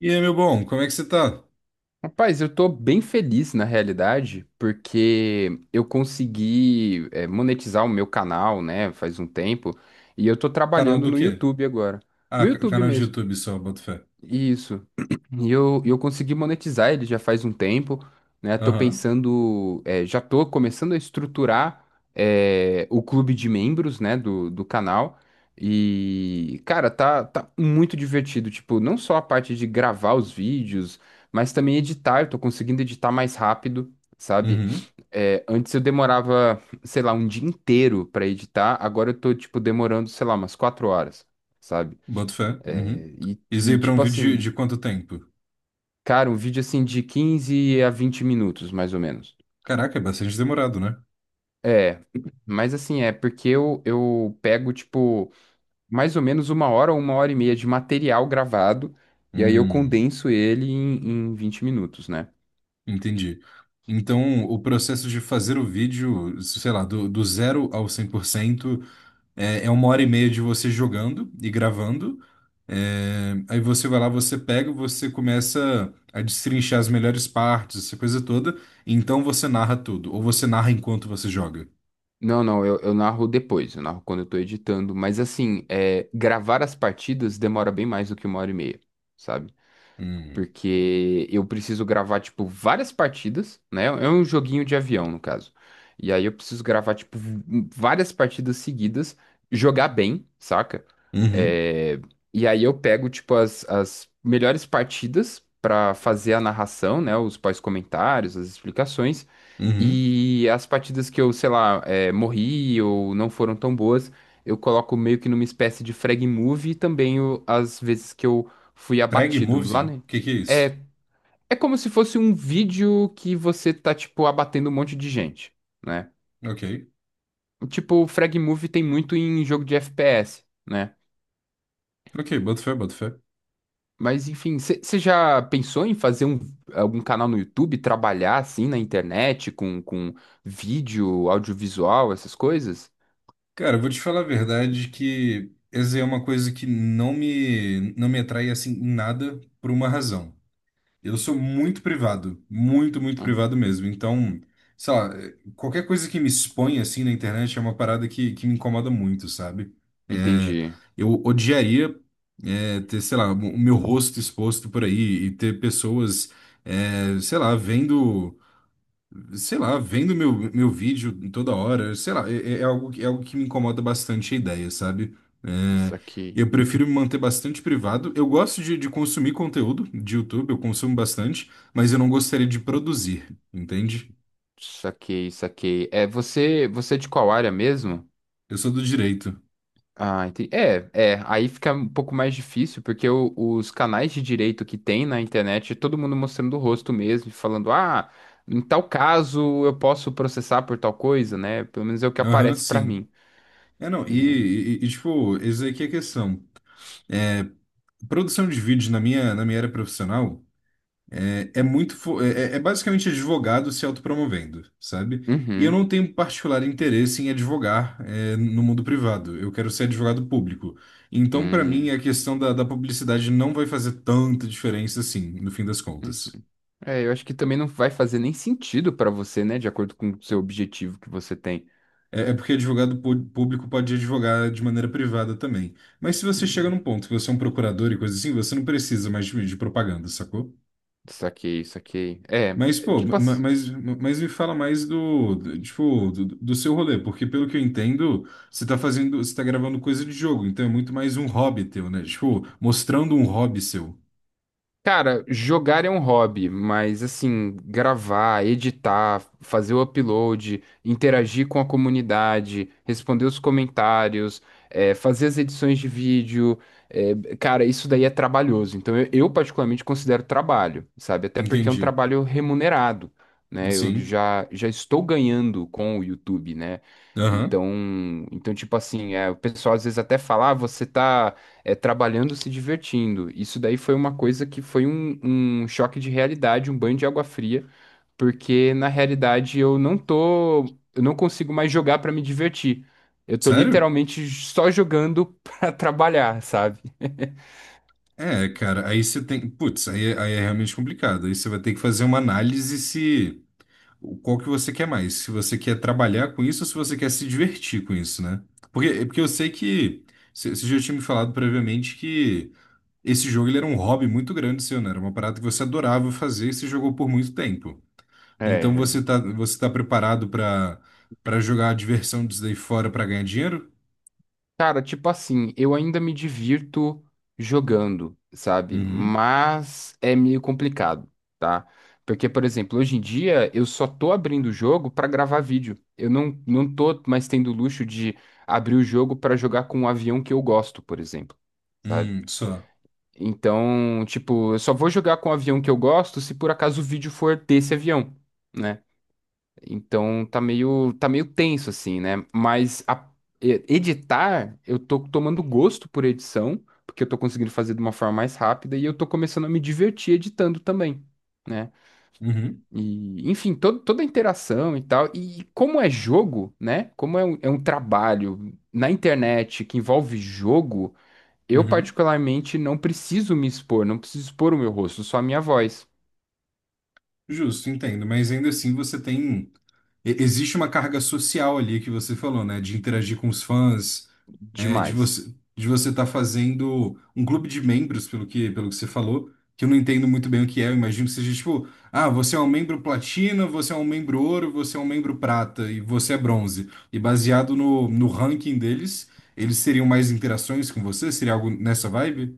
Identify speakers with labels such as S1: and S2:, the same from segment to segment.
S1: E aí, meu bom, como é que você tá?
S2: Rapaz, eu tô bem feliz na realidade, porque eu consegui monetizar o meu canal, né, faz um tempo, e eu tô
S1: Canal
S2: trabalhando
S1: do
S2: no
S1: quê?
S2: YouTube agora. No
S1: Ah,
S2: YouTube
S1: canal de
S2: mesmo.
S1: YouTube só, boto fé.
S2: Isso. E eu consegui monetizar ele já faz um tempo, né? Tô
S1: Aham.
S2: pensando, já tô começando a estruturar, é, o clube de membros, né, do canal. E, cara, tá muito divertido. Tipo, não só a parte de gravar os vídeos, mas também editar. Eu tô conseguindo editar mais rápido, sabe?
S1: Uhum,
S2: É, antes eu demorava, sei lá, um dia inteiro pra editar. Agora eu tô, tipo, demorando, sei lá, umas quatro horas, sabe?
S1: boto fé, uhum.
S2: É,
S1: Isso aí pra um
S2: tipo
S1: vídeo de
S2: assim,
S1: quanto tempo?
S2: cara, um vídeo assim de 15 a 20 minutos, mais ou menos.
S1: Caraca, é bastante demorado, né?
S2: É, mas assim, é porque eu pego, tipo, mais ou menos uma hora ou uma hora e meia de material gravado, e aí eu
S1: Hum,
S2: condenso ele em 20 minutos, né?
S1: entendi. Então, o processo de fazer o vídeo, sei lá, do zero ao 100%. É, é uma hora e meia de você jogando e gravando. É, aí você vai lá, você pega, você começa a destrinchar as melhores partes, essa coisa toda. E então você narra tudo. Ou você narra enquanto você joga.
S2: Não, não, eu narro depois, eu narro quando eu tô editando, mas assim, é, gravar as partidas demora bem mais do que uma hora e meia, sabe?
S1: Hum.
S2: Porque eu preciso gravar, tipo, várias partidas, né? É um joguinho de avião, no caso. E aí eu preciso gravar, tipo, várias partidas seguidas, jogar bem, saca?
S1: Uhum.
S2: É, e aí eu pego, tipo, as melhores partidas pra fazer a narração, né? Os pós-comentários, as explicações.
S1: Uhum.
S2: E as partidas que eu, sei lá, é, morri ou não foram tão boas, eu coloco meio que numa espécie de frag move e também as vezes que eu fui
S1: Frag
S2: abatido lá,
S1: Movie? O
S2: né?
S1: que que é isso?
S2: É, é como se fosse um vídeo que você tá, tipo, abatendo um monte de gente, né?
S1: Ok.
S2: Tipo, o Frag Move tem muito em jogo de FPS, né?
S1: Ok, boto fé, boto fé.
S2: Mas, enfim, você já pensou em fazer um, algum canal no YouTube, trabalhar, assim, na internet, com vídeo, audiovisual, essas coisas?
S1: Cara, eu vou te falar a verdade que essa é uma coisa que não me atrai assim em nada por uma razão. Eu sou muito privado, muito, muito
S2: Hum,
S1: privado mesmo. Então, sei lá, qualquer coisa que me expõe assim na internet é uma parada que me incomoda muito, sabe? É,
S2: entendi.
S1: eu odiaria ter, sei lá, o meu rosto exposto por aí e ter pessoas, é, sei lá, vendo meu vídeo toda hora, sei lá, é algo, é algo que me incomoda bastante a ideia, sabe? É,
S2: Saquei,
S1: eu prefiro me manter bastante privado. Eu gosto de consumir conteúdo de YouTube, eu consumo bastante, mas eu não gostaria de produzir, entende?
S2: saquei, saquei. É, você é de qual área mesmo?
S1: Eu sou do direito.
S2: Ah, entendi. É, é, aí fica um pouco mais difícil, porque os canais de direito que tem na internet, é todo mundo mostrando o rosto mesmo, e falando, ah, em tal caso eu posso processar por tal coisa, né? Pelo menos é o que
S1: Aham,
S2: aparece pra
S1: sim.
S2: mim,
S1: É, não,
S2: né?
S1: e, tipo, essa aqui é a questão. Produção de vídeo na minha área profissional. É, é muito. Fo- É, é é basicamente advogado se autopromovendo, sabe? E eu
S2: Uhum.
S1: não tenho particular interesse em advogar, é, no mundo privado. Eu quero ser advogado público. Então, para mim,
S2: Hum,
S1: a questão da publicidade não vai fazer tanta diferença assim, no fim das
S2: uhum.
S1: contas.
S2: É, eu acho que também não vai fazer nem sentido pra você, né? De acordo com o seu objetivo que você tem.
S1: É, é porque público pode advogar de maneira privada também. Mas se você chega
S2: Hum,
S1: num ponto que você é um procurador e coisa assim, você não precisa mais de propaganda, sacou?
S2: saquei, saquei. É,
S1: Mas,
S2: é
S1: pô,
S2: tipo assim.
S1: mas me fala mais tipo, do seu rolê, porque pelo que eu entendo, você tá fazendo, você tá gravando coisa de jogo, então é muito mais um hobby teu, né? Tipo, mostrando um hobby seu.
S2: Cara, jogar é um hobby, mas assim, gravar, editar, fazer o upload, interagir com a comunidade, responder os comentários, fazer as edições de vídeo, eh, cara, isso daí é trabalhoso. Então eu particularmente considero trabalho, sabe? Até porque é um
S1: Entendi.
S2: trabalho remunerado, né? Eu
S1: Sim.
S2: já estou ganhando com o YouTube, né?
S1: Aham.
S2: Então, então tipo assim, o pessoal às vezes até fala, ah, você tá é, trabalhando, se divertindo. Isso daí foi uma coisa que foi um, um choque de realidade, um banho de água fria, porque na realidade eu não tô, eu não consigo mais jogar para me divertir. Eu tô
S1: Sério?
S2: literalmente só jogando para trabalhar, sabe?
S1: É, cara, aí você tem, putz, aí é realmente complicado. Aí você vai ter que fazer uma análise se, o qual que você quer mais, se você quer trabalhar com isso ou se você quer se divertir com isso, né? Porque eu sei você já tinha me falado previamente que esse jogo ele era um hobby muito grande seu, né? Era uma parada que você adorava fazer e se jogou por muito tempo. Então
S2: É,
S1: você tá preparado para para jogar a diversão disso daí fora para ganhar dinheiro?
S2: cara, tipo assim, eu ainda me divirto jogando, sabe?
S1: Uhum.
S2: Mas é meio complicado, tá? Porque, por exemplo, hoje em dia eu só tô abrindo o jogo pra gravar vídeo. Eu não tô mais tendo o luxo de abrir o jogo pra jogar com um avião que eu gosto, por exemplo, sabe?
S1: Só.
S2: Então, tipo, eu só vou jogar com o avião que eu gosto se por acaso o vídeo for desse avião, né? Então tá meio tenso assim, né? Editar, eu tô tomando gosto por edição, porque eu tô conseguindo fazer de uma forma mais rápida e eu tô começando a me divertir editando também, né?
S1: Uhum.
S2: E, enfim, toda a interação e tal. E como é jogo, né? Como é um trabalho na internet que envolve jogo, eu
S1: Uhum.
S2: particularmente não preciso me expor, não preciso expor o meu rosto, só a minha voz.
S1: Justo, entendo. Mas ainda assim você tem. Existe uma carga social ali que você falou, né? De interagir com os fãs, é,
S2: Demais.
S1: de você estar fazendo um clube de membros, pelo que você falou, que eu não entendo muito bem o que é. Eu imagino que seja tipo, ah, você é um membro platina, você é um membro ouro, você é um membro prata e você é bronze. E baseado no ranking deles, eles seriam mais interações com você? Seria algo nessa vibe?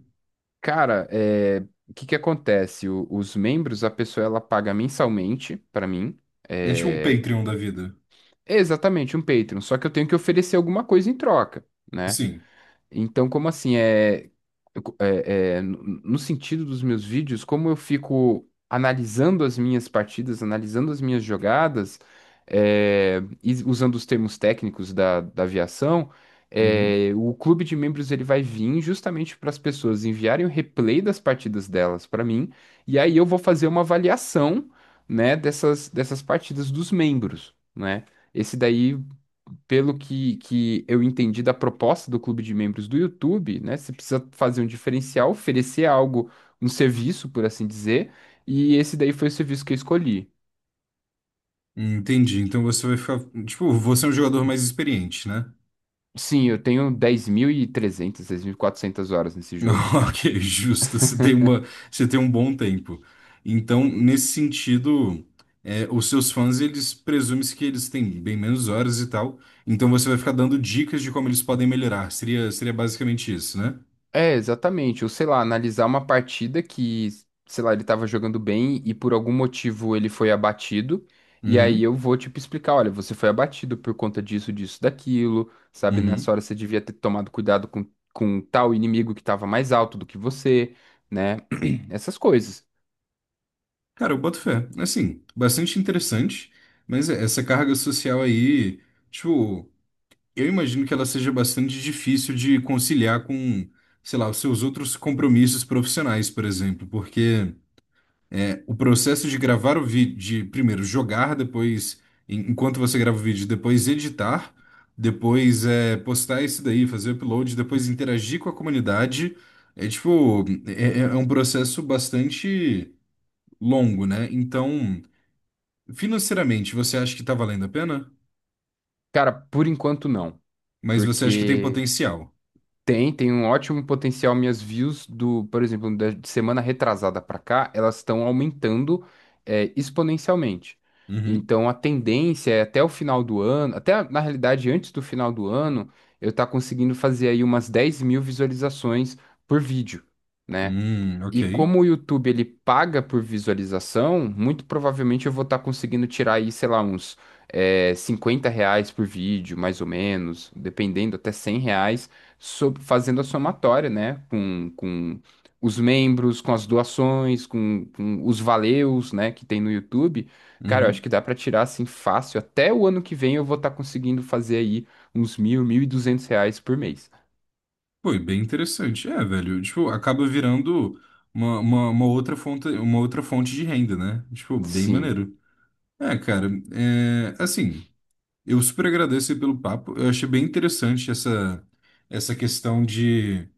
S2: Cara, é, o que que acontece? Os membros, a pessoa ela paga mensalmente pra mim.
S1: É tipo um
S2: É,
S1: Patreon da vida.
S2: é exatamente um Patreon, só que eu tenho que oferecer alguma coisa em troca, né?
S1: Sim.
S2: Então, como assim? É, é, no sentido dos meus vídeos, como eu fico analisando as minhas partidas, analisando as minhas jogadas, é, e usando os termos técnicos da aviação,
S1: Uhum.
S2: é, o clube de membros ele vai vir justamente para as pessoas enviarem o replay das partidas delas para mim, e aí eu vou fazer uma avaliação, né, dessas partidas dos membros, né? Esse daí pelo que eu entendi da proposta do clube de membros do YouTube, né? Você precisa fazer um diferencial, oferecer algo, um serviço, por assim dizer, e esse daí foi o serviço que eu escolhi.
S1: Entendi. Então você vai ficar. Tipo, você é um jogador mais experiente, né?
S2: Sim, eu tenho dez mil e trezentas, dez mil e quatrocentas horas nesse jogo já.
S1: Ok, justo. Você tem você tem um bom tempo. Então, nesse sentido, é, os seus fãs, eles presumem-se que eles têm bem menos horas e tal. Então, você vai ficar dando dicas de como eles podem melhorar. Seria basicamente isso, né?
S2: É, exatamente. Ou sei lá, analisar uma partida que, sei lá, ele tava jogando bem e por algum motivo ele foi abatido. E aí
S1: Uhum,
S2: eu vou, tipo, explicar: olha, você foi abatido por conta disso, disso, daquilo, sabe? Nessa
S1: uhum.
S2: hora você devia ter tomado cuidado com tal inimigo que tava mais alto do que você, né? Essas coisas.
S1: Cara, eu boto fé. Assim, bastante interessante. Mas é, essa carga social aí, tipo, eu imagino que ela seja bastante difícil de conciliar com, sei lá, os seus outros compromissos profissionais, por exemplo, porque é, o processo de gravar o vídeo, de primeiro jogar, depois, enquanto você grava o vídeo, depois editar, depois é, postar isso daí, fazer upload, depois interagir com a comunidade. É um processo bastante longo, né? Então, financeiramente, você acha que tá valendo a pena?
S2: Cara, por enquanto não.
S1: Mas você acha que tem
S2: Porque.
S1: potencial?
S2: Tem, tem um ótimo potencial. Minhas views do, por exemplo, da semana retrasada pra cá, elas estão aumentando, é, exponencialmente.
S1: Uhum.
S2: Então a tendência é até o final do ano, até na realidade antes do final do ano, eu tá conseguindo fazer aí umas 10 mil visualizações por vídeo, né?
S1: Ok.
S2: E como o YouTube ele paga por visualização, muito provavelmente eu vou estar conseguindo tirar aí, sei lá, uns R$ 50 por vídeo, mais ou menos, dependendo, até R$ 100, fazendo a somatória, né? Com os membros, com as doações, com os valeus, né, que tem no YouTube. Cara, eu acho
S1: Uhum.
S2: que dá para tirar assim fácil. Até o ano que vem eu vou estar conseguindo fazer aí uns R$ 1.000, R$ 1.200 por mês.
S1: Foi bem interessante. É, velho, tipo, acaba virando uma outra fonte de renda, né? Tipo, bem
S2: Sim.
S1: maneiro. É, cara, é, assim, eu super agradeço aí pelo papo. Eu achei bem interessante essa questão de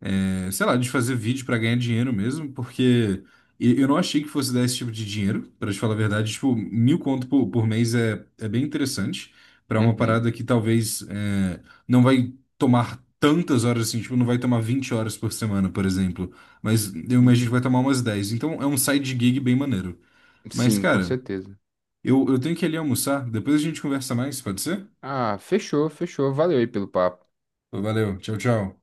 S1: é, sei lá, de fazer vídeo pra ganhar dinheiro mesmo, porque eu não achei que fosse dar esse tipo de dinheiro, pra te falar a verdade. Tipo, 1.000 conto por mês é, é bem interessante pra uma
S2: Uhum.
S1: parada que talvez é, não vai tomar tantas horas assim, tipo, não vai tomar 20 horas por semana, por exemplo. Mas eu imagino que vai
S2: Uhum.
S1: tomar umas 10. Então é um side gig bem maneiro. Mas,
S2: Sim, com
S1: cara,
S2: certeza.
S1: eu tenho que ir ali almoçar, depois a gente conversa mais, pode ser?
S2: Ah, fechou, fechou. Valeu aí pelo papo.
S1: Valeu, tchau, tchau.